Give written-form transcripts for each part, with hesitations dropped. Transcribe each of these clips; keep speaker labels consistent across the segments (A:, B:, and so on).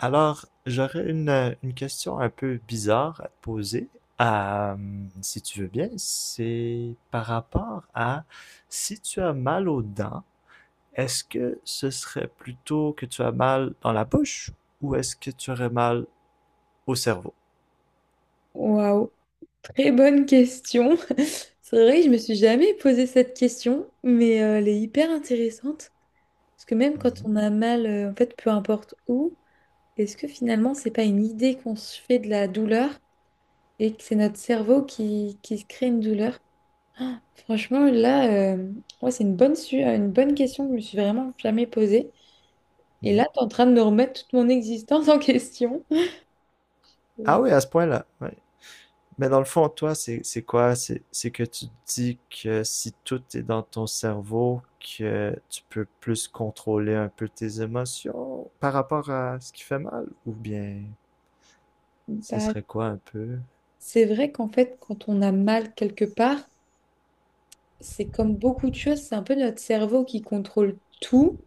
A: Alors, j'aurais une question un peu bizarre à te poser. Euh, si tu veux bien, c'est par rapport à si tu as mal aux dents, est-ce que ce serait plutôt que tu as mal dans la bouche ou est-ce que tu aurais mal au cerveau?
B: Waouh, très bonne question. C'est vrai que je me suis jamais posé cette question, mais elle est hyper intéressante. Parce que même quand
A: Mhm.
B: on a mal, en fait, peu importe où, est-ce que finalement, c'est pas une idée qu'on se fait de la douleur et que c'est notre cerveau qui se crée une douleur? Ah, franchement, là, ouais, c'est une bonne question que je me suis vraiment jamais posée. Et là,
A: Mhm.
B: tu es en train de me remettre toute mon existence en question.
A: Ah oui, à ce point-là. Ouais. Mais dans le fond, toi, c'est quoi? C'est que tu dis que si tout est dans ton cerveau, que tu peux plus contrôler un peu tes émotions par rapport à ce qui fait mal, ou bien ce
B: Bah,
A: serait quoi un peu?
B: c'est vrai qu'en fait, quand on a mal quelque part, c'est comme beaucoup de choses, c'est un peu notre cerveau qui contrôle tout.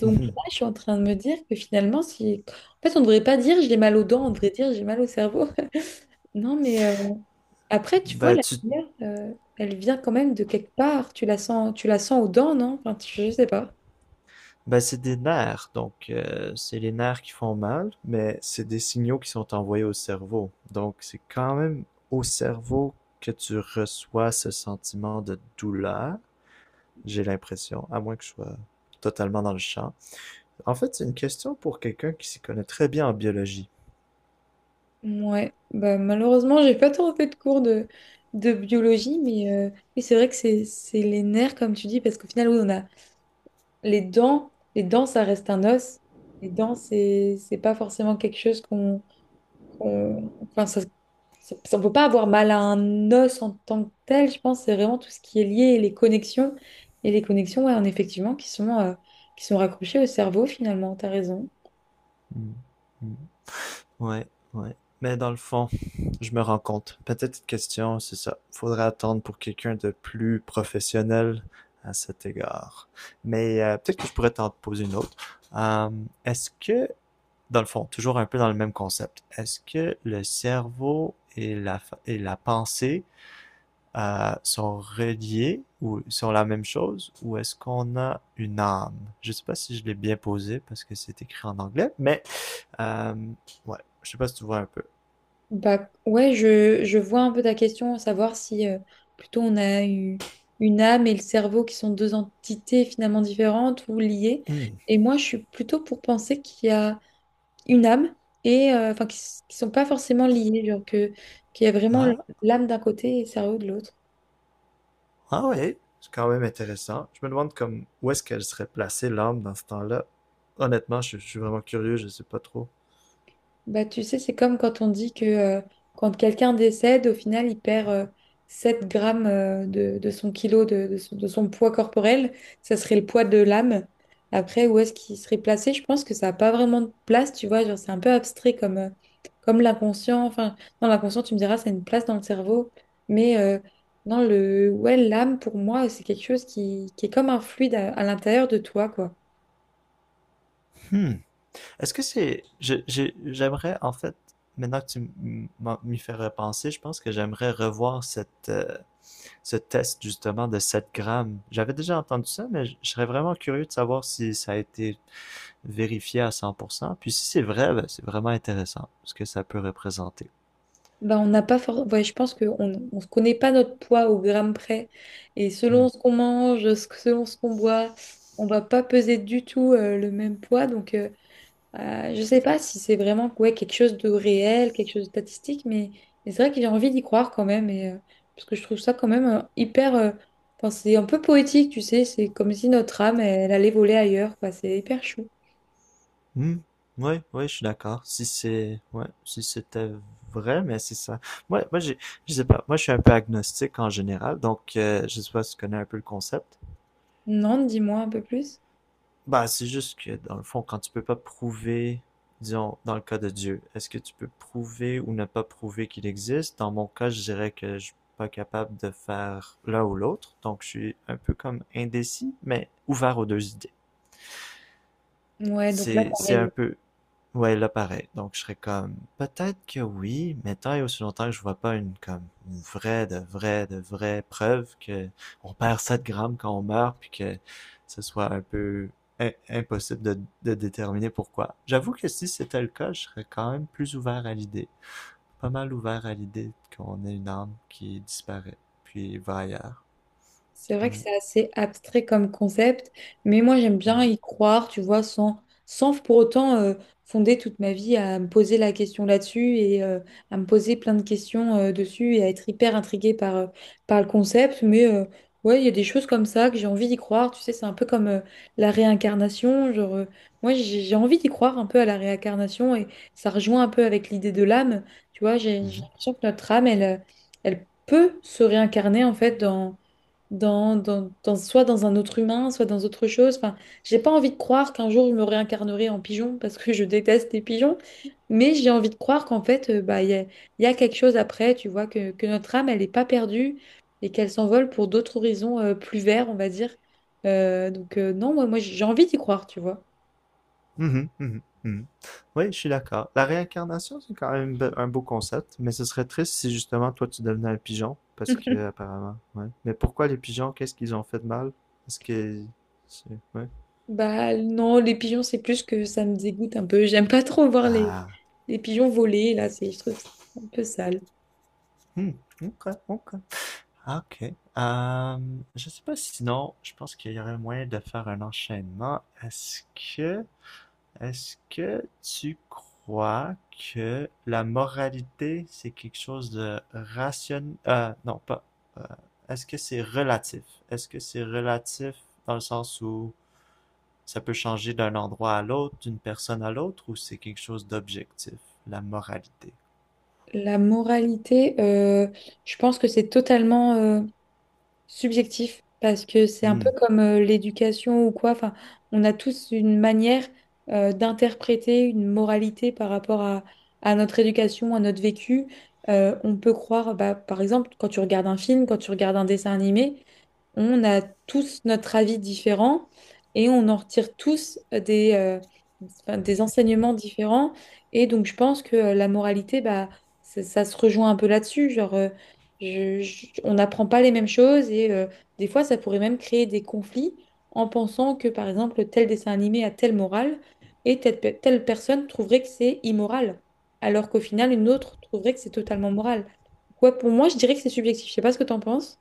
B: Donc là, je suis en train de me dire que finalement, si... en fait, on ne devrait pas dire j'ai mal aux dents, on devrait dire j'ai mal au cerveau. Non, mais après, tu vois,
A: Ben,
B: la
A: tu,
B: lumière, elle vient quand même de quelque part. Tu la sens aux dents, non? Enfin, je sais pas.
A: ben, c'est des nerfs, donc c'est les nerfs qui font mal, mais c'est des signaux qui sont envoyés au cerveau. Donc c'est quand même au cerveau que tu reçois ce sentiment de douleur, j'ai l'impression, à moins que je sois totalement dans le champ. En fait, c'est une question pour quelqu'un qui s'y connaît très bien en biologie.
B: Ouais, bah, malheureusement, j'ai pas trop fait de cours de biologie, mais c'est vrai que c'est les nerfs, comme tu dis, parce qu'au final, oui, on a les dents, ça reste un os. Les dents, c'est pas forcément quelque chose enfin on peut pas avoir mal à un os en tant que tel. Je pense c'est vraiment tout ce qui est lié et les connexions, ouais, en effectivement, qui sont raccrochées au cerveau finalement. T'as raison.
A: Hmm. Hmm. Ouais, ouais. Mais dans le fond, je me rends compte. Peut-être question, c'est ça. Faudrait attendre pour quelqu'un de plus professionnel à cet égard. Mais peut-être que je pourrais t'en poser une autre. Euh, est-ce que, dans le fond, toujours un peu dans le même concept, est-ce que le cerveau et la pensée sont reliés ou sont la même chose ou est-ce qu'on a une âme? Je sais pas si je l'ai bien posé parce que c'est écrit en anglais, mais euh, ouais, je sais pas si tu vois un peu.
B: Bah ouais, je vois un peu ta question, savoir si plutôt on a eu une âme et le cerveau qui sont deux entités finalement différentes ou liées.
A: Hmm.
B: Et moi, je suis plutôt pour penser qu'il y a une âme enfin qui sont pas forcément liées, genre que qu'il y a vraiment
A: Ah,
B: l'âme d'un côté et le cerveau de l'autre.
A: ah, ouais, c'est quand même intéressant. Je me demande comme où est-ce qu'elle serait placée l'âme dans ce temps-là. Honnêtement, je suis vraiment curieux, je sais pas trop.
B: Bah, tu sais, c'est comme quand on dit que quand quelqu'un décède, au final, il perd 7 grammes de son poids corporel. Ça serait le poids de l'âme. Après, où est-ce qu'il serait placé? Je pense que ça n'a pas vraiment de place, tu vois. Genre, c'est un peu abstrait comme l'inconscient. Enfin, dans l'inconscient, tu me diras, ça a une place dans le cerveau. Mais ouais, l'âme, pour moi, c'est quelque chose qui est comme un fluide à l'intérieur de toi, quoi.
A: Hmm. Est-ce que c'est, je- j'ai- J'aimerais en fait maintenant que tu m'y fais repenser, je pense que j'aimerais revoir ce test justement de 7 grammes. J'avais déjà entendu ça, mais je serais vraiment curieux de savoir si ça a été vérifié à 100%. Puis si c'est vrai, ben, c'est vraiment intéressant ce que ça peut représenter.
B: Bah, on n'a pas ouais, je pense qu'on on se connaît pas notre poids au gramme près. Et selon
A: Hmm.
B: ce qu'on mange, ce selon ce qu'on boit, on va pas peser du tout le même poids. Donc, je sais pas si c'est vraiment ouais, quelque chose de réel, quelque chose de statistique, mais c'est vrai que j'ai envie d'y croire quand même. Et, parce que je trouve ça quand même hyper. Enfin, c'est un peu poétique, tu sais. C'est comme si notre âme, elle, allait voler ailleurs, quoi. C'est hyper chou.
A: Hmm. Oui, oui, je suis d'accord. Si c'est, Ouais, si c'était vrai, mais c'est ça. Moi, je sais pas. Moi, je suis un peu agnostique en général, donc je sais pas si tu connais un peu le concept.
B: Non, dis-moi un peu plus.
A: Bah, c'est juste que, dans le fond, quand tu peux pas prouver, disons, dans le cas de Dieu, est-ce que tu peux prouver ou ne pas prouver qu'il existe? Dans mon cas, je dirais que je suis pas capable de faire l'un ou l'autre, donc je suis un peu comme indécis, mais ouvert aux deux idées.
B: Ouais, donc là,
A: C'est
B: pareil.
A: un peu... Ouais, là, pareil. Donc, je serais comme, peut-être que oui, mais tant et aussi longtemps que je vois pas une, comme, une vraie, de vraie preuve que on perd 7 grammes quand on meurt, puis que ce soit un peu impossible de déterminer pourquoi. J'avoue que si c'était le cas, je serais quand même plus ouvert à l'idée. Pas mal ouvert à l'idée qu'on ait une âme qui disparaît, puis va ailleurs.
B: C'est vrai que
A: Ouais.
B: c'est assez abstrait comme concept, mais moi j'aime bien
A: Mhm.
B: y croire, tu vois, sans pour autant fonder toute ma vie à me poser la question là-dessus et à me poser plein de questions dessus et à être hyper intriguée par le concept. Mais ouais, il y a des choses comme ça que j'ai envie d'y croire, tu sais, c'est un peu comme la réincarnation. Genre, moi j'ai envie d'y croire un peu à la réincarnation et ça rejoint un peu avec l'idée de l'âme, tu vois, j'ai
A: Mhm.
B: l'impression que notre âme, elle peut se réincarner en fait soit dans un autre humain, soit dans autre chose. Enfin, j'ai pas envie de croire qu'un jour je me réincarnerai en pigeon parce que je déteste les pigeons, mais j'ai envie de croire qu'en fait, bah, il y a quelque chose après, tu vois, que notre âme, elle n'est pas perdue et qu'elle s'envole pour d'autres horizons plus verts, on va dire. Donc, non, moi, moi j'ai envie d'y croire, tu vois.
A: Mhm, mhm, mhm. Oui, je suis d'accord. La réincarnation, c'est quand même un beau concept, mais ce serait triste si justement toi tu devenais un pigeon, parce que apparemment, ouais. Mais pourquoi les pigeons, qu'est-ce qu'ils ont fait de mal? Est-ce que ouais.
B: Bah non, les pigeons, c'est plus que ça me dégoûte un peu. J'aime pas trop voir les,
A: Ah,
B: les pigeons voler, là, c'est, je trouve ça un peu sale.
A: hmm, ok, ok. Ah, ok. Euh, je sais pas si sinon, je pense qu'il y aurait moyen de faire un enchaînement. Que Est-ce que tu crois que la moralité, c'est quelque chose de rationnel? Non, pas. euh, est-ce que c'est relatif? Est-ce que c'est relatif? Dans le sens où ça peut changer d'un endroit à l'autre, d'une personne à l'autre, ou c'est quelque chose d'objectif, la moralité?
B: La moralité, je pense que c'est totalement subjectif parce que c'est un peu
A: Hmm.
B: comme l'éducation ou quoi. Enfin, on a tous une manière d'interpréter une moralité par rapport à notre éducation, à notre vécu. On peut croire, bah, par exemple, quand tu regardes un film, quand tu regardes un dessin animé, on a tous notre avis différent et on en retire tous enfin, des enseignements différents. Et donc, je pense que la moralité, bah, ça se rejoint un peu là-dessus. Genre, on n'apprend pas les mêmes choses et des fois, ça pourrait même créer des conflits en pensant que, par exemple, tel dessin animé a telle morale et telle personne trouverait que c'est immoral, alors qu'au final, une autre trouverait que c'est totalement moral. Quoi, pour moi, je dirais que c'est subjectif. Je sais pas ce que tu en penses.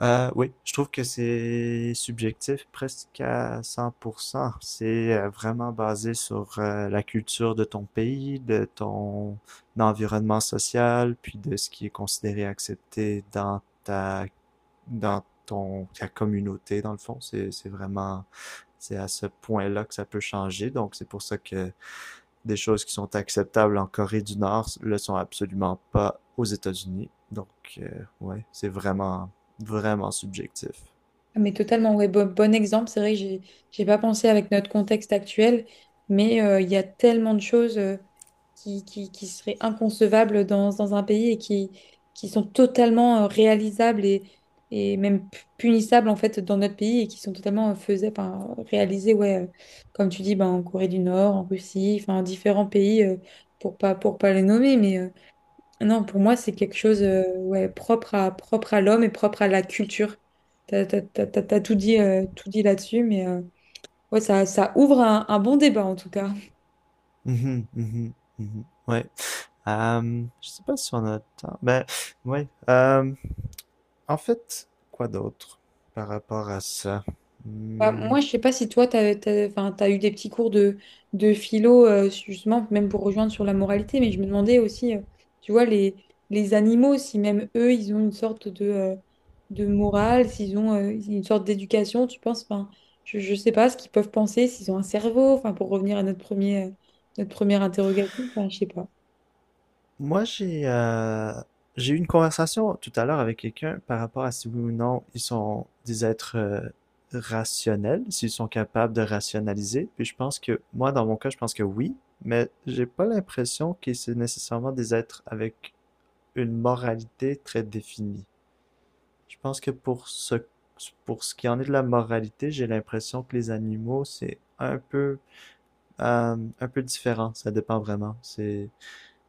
A: Oui, je trouve que c'est subjectif presque à 100%. C'est vraiment basé sur la culture de ton pays, de ton environnement social, puis de ce qui est considéré accepté dans ta communauté, dans le fond. C'est vraiment. C'est à ce point-là que ça peut changer. Donc, c'est pour ça que des choses qui sont acceptables en Corée du Nord le sont absolument pas aux États-Unis. Donc, euh, ouais, c'est vraiment, vraiment subjectif.
B: Ah, mais totalement, ouais, bon, bon exemple. C'est vrai que j'ai pas pensé avec notre contexte actuel, mais il y a tellement de choses qui seraient inconcevables dans un pays et qui sont totalement réalisables et même punissables en fait dans notre pays et qui sont totalement enfin, réalisées, ouais, comme tu dis, ben, en Corée du Nord, en Russie, enfin, différents pays pour pas les nommer, mais. Non, pour moi, c'est quelque chose ouais, propre à, l'homme et propre à la culture. T'as tout dit là-dessus, mais ouais, ça ouvre un bon débat en tout cas.
A: Mhm, mhm, mhm. Ouais. Je sais pas si on a le temps. Ben, ouais. En fait, quoi d'autre par rapport à ça?
B: Bah,
A: Hmm.
B: moi, je sais pas si toi, enfin, t'as eu des petits cours de philo, justement, même pour rejoindre sur la moralité, mais je me demandais aussi, tu vois, les animaux, si même eux, ils ont une sorte de morale, s'ils ont une sorte d'éducation, tu penses, enfin, je sais pas ce qu'ils peuvent penser, s'ils ont un cerveau, enfin, pour revenir à notre première interrogation, enfin, je sais pas.
A: Moi, j'ai eu une conversation tout à l'heure avec quelqu'un par rapport à si oui ou non ils sont des êtres rationnels, s'ils sont capables de rationaliser. Puis je pense que, moi, dans mon cas, je pense que oui, mais j'ai pas l'impression que c'est nécessairement des êtres avec une moralité très définie. Je pense que pour ce qui en est de la moralité, j'ai l'impression que les animaux, c'est un peu différent. Ça dépend vraiment. C'est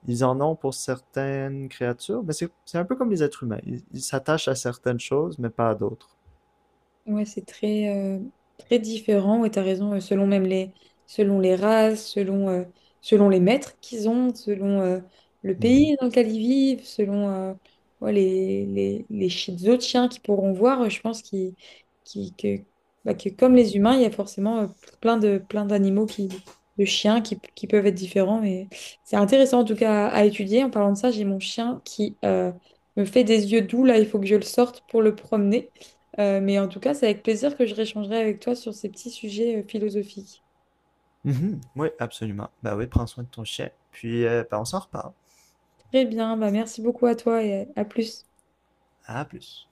A: Ils en ont pour certaines créatures, mais c'est un peu comme les êtres humains. Ils s'attachent à certaines choses, mais pas à d'autres.
B: Ouais, c'est très différent. Ouais, t'as raison, selon même les, selon les races, selon les maîtres qu'ils ont, selon le
A: Mhm.
B: pays dans lequel ils vivent, selon ouais, les autres chiens qu'ils pourront voir. Je pense qui que, bah, que comme les humains, il y a forcément plein de chiens qui peuvent être différents. Mais c'est intéressant en tout cas à étudier. En parlant de ça, j'ai mon chien qui me fait des yeux doux. Là, il faut que je le sorte pour le promener. Mais en tout cas, c'est avec plaisir que je réchangerai avec toi sur ces petits sujets philosophiques.
A: Mhm. Oui, absolument. Bah oui, prends soin de ton chien. Puis, bah, on s'en reparle.
B: Très bien, bah merci beaucoup à toi et à plus.
A: À plus.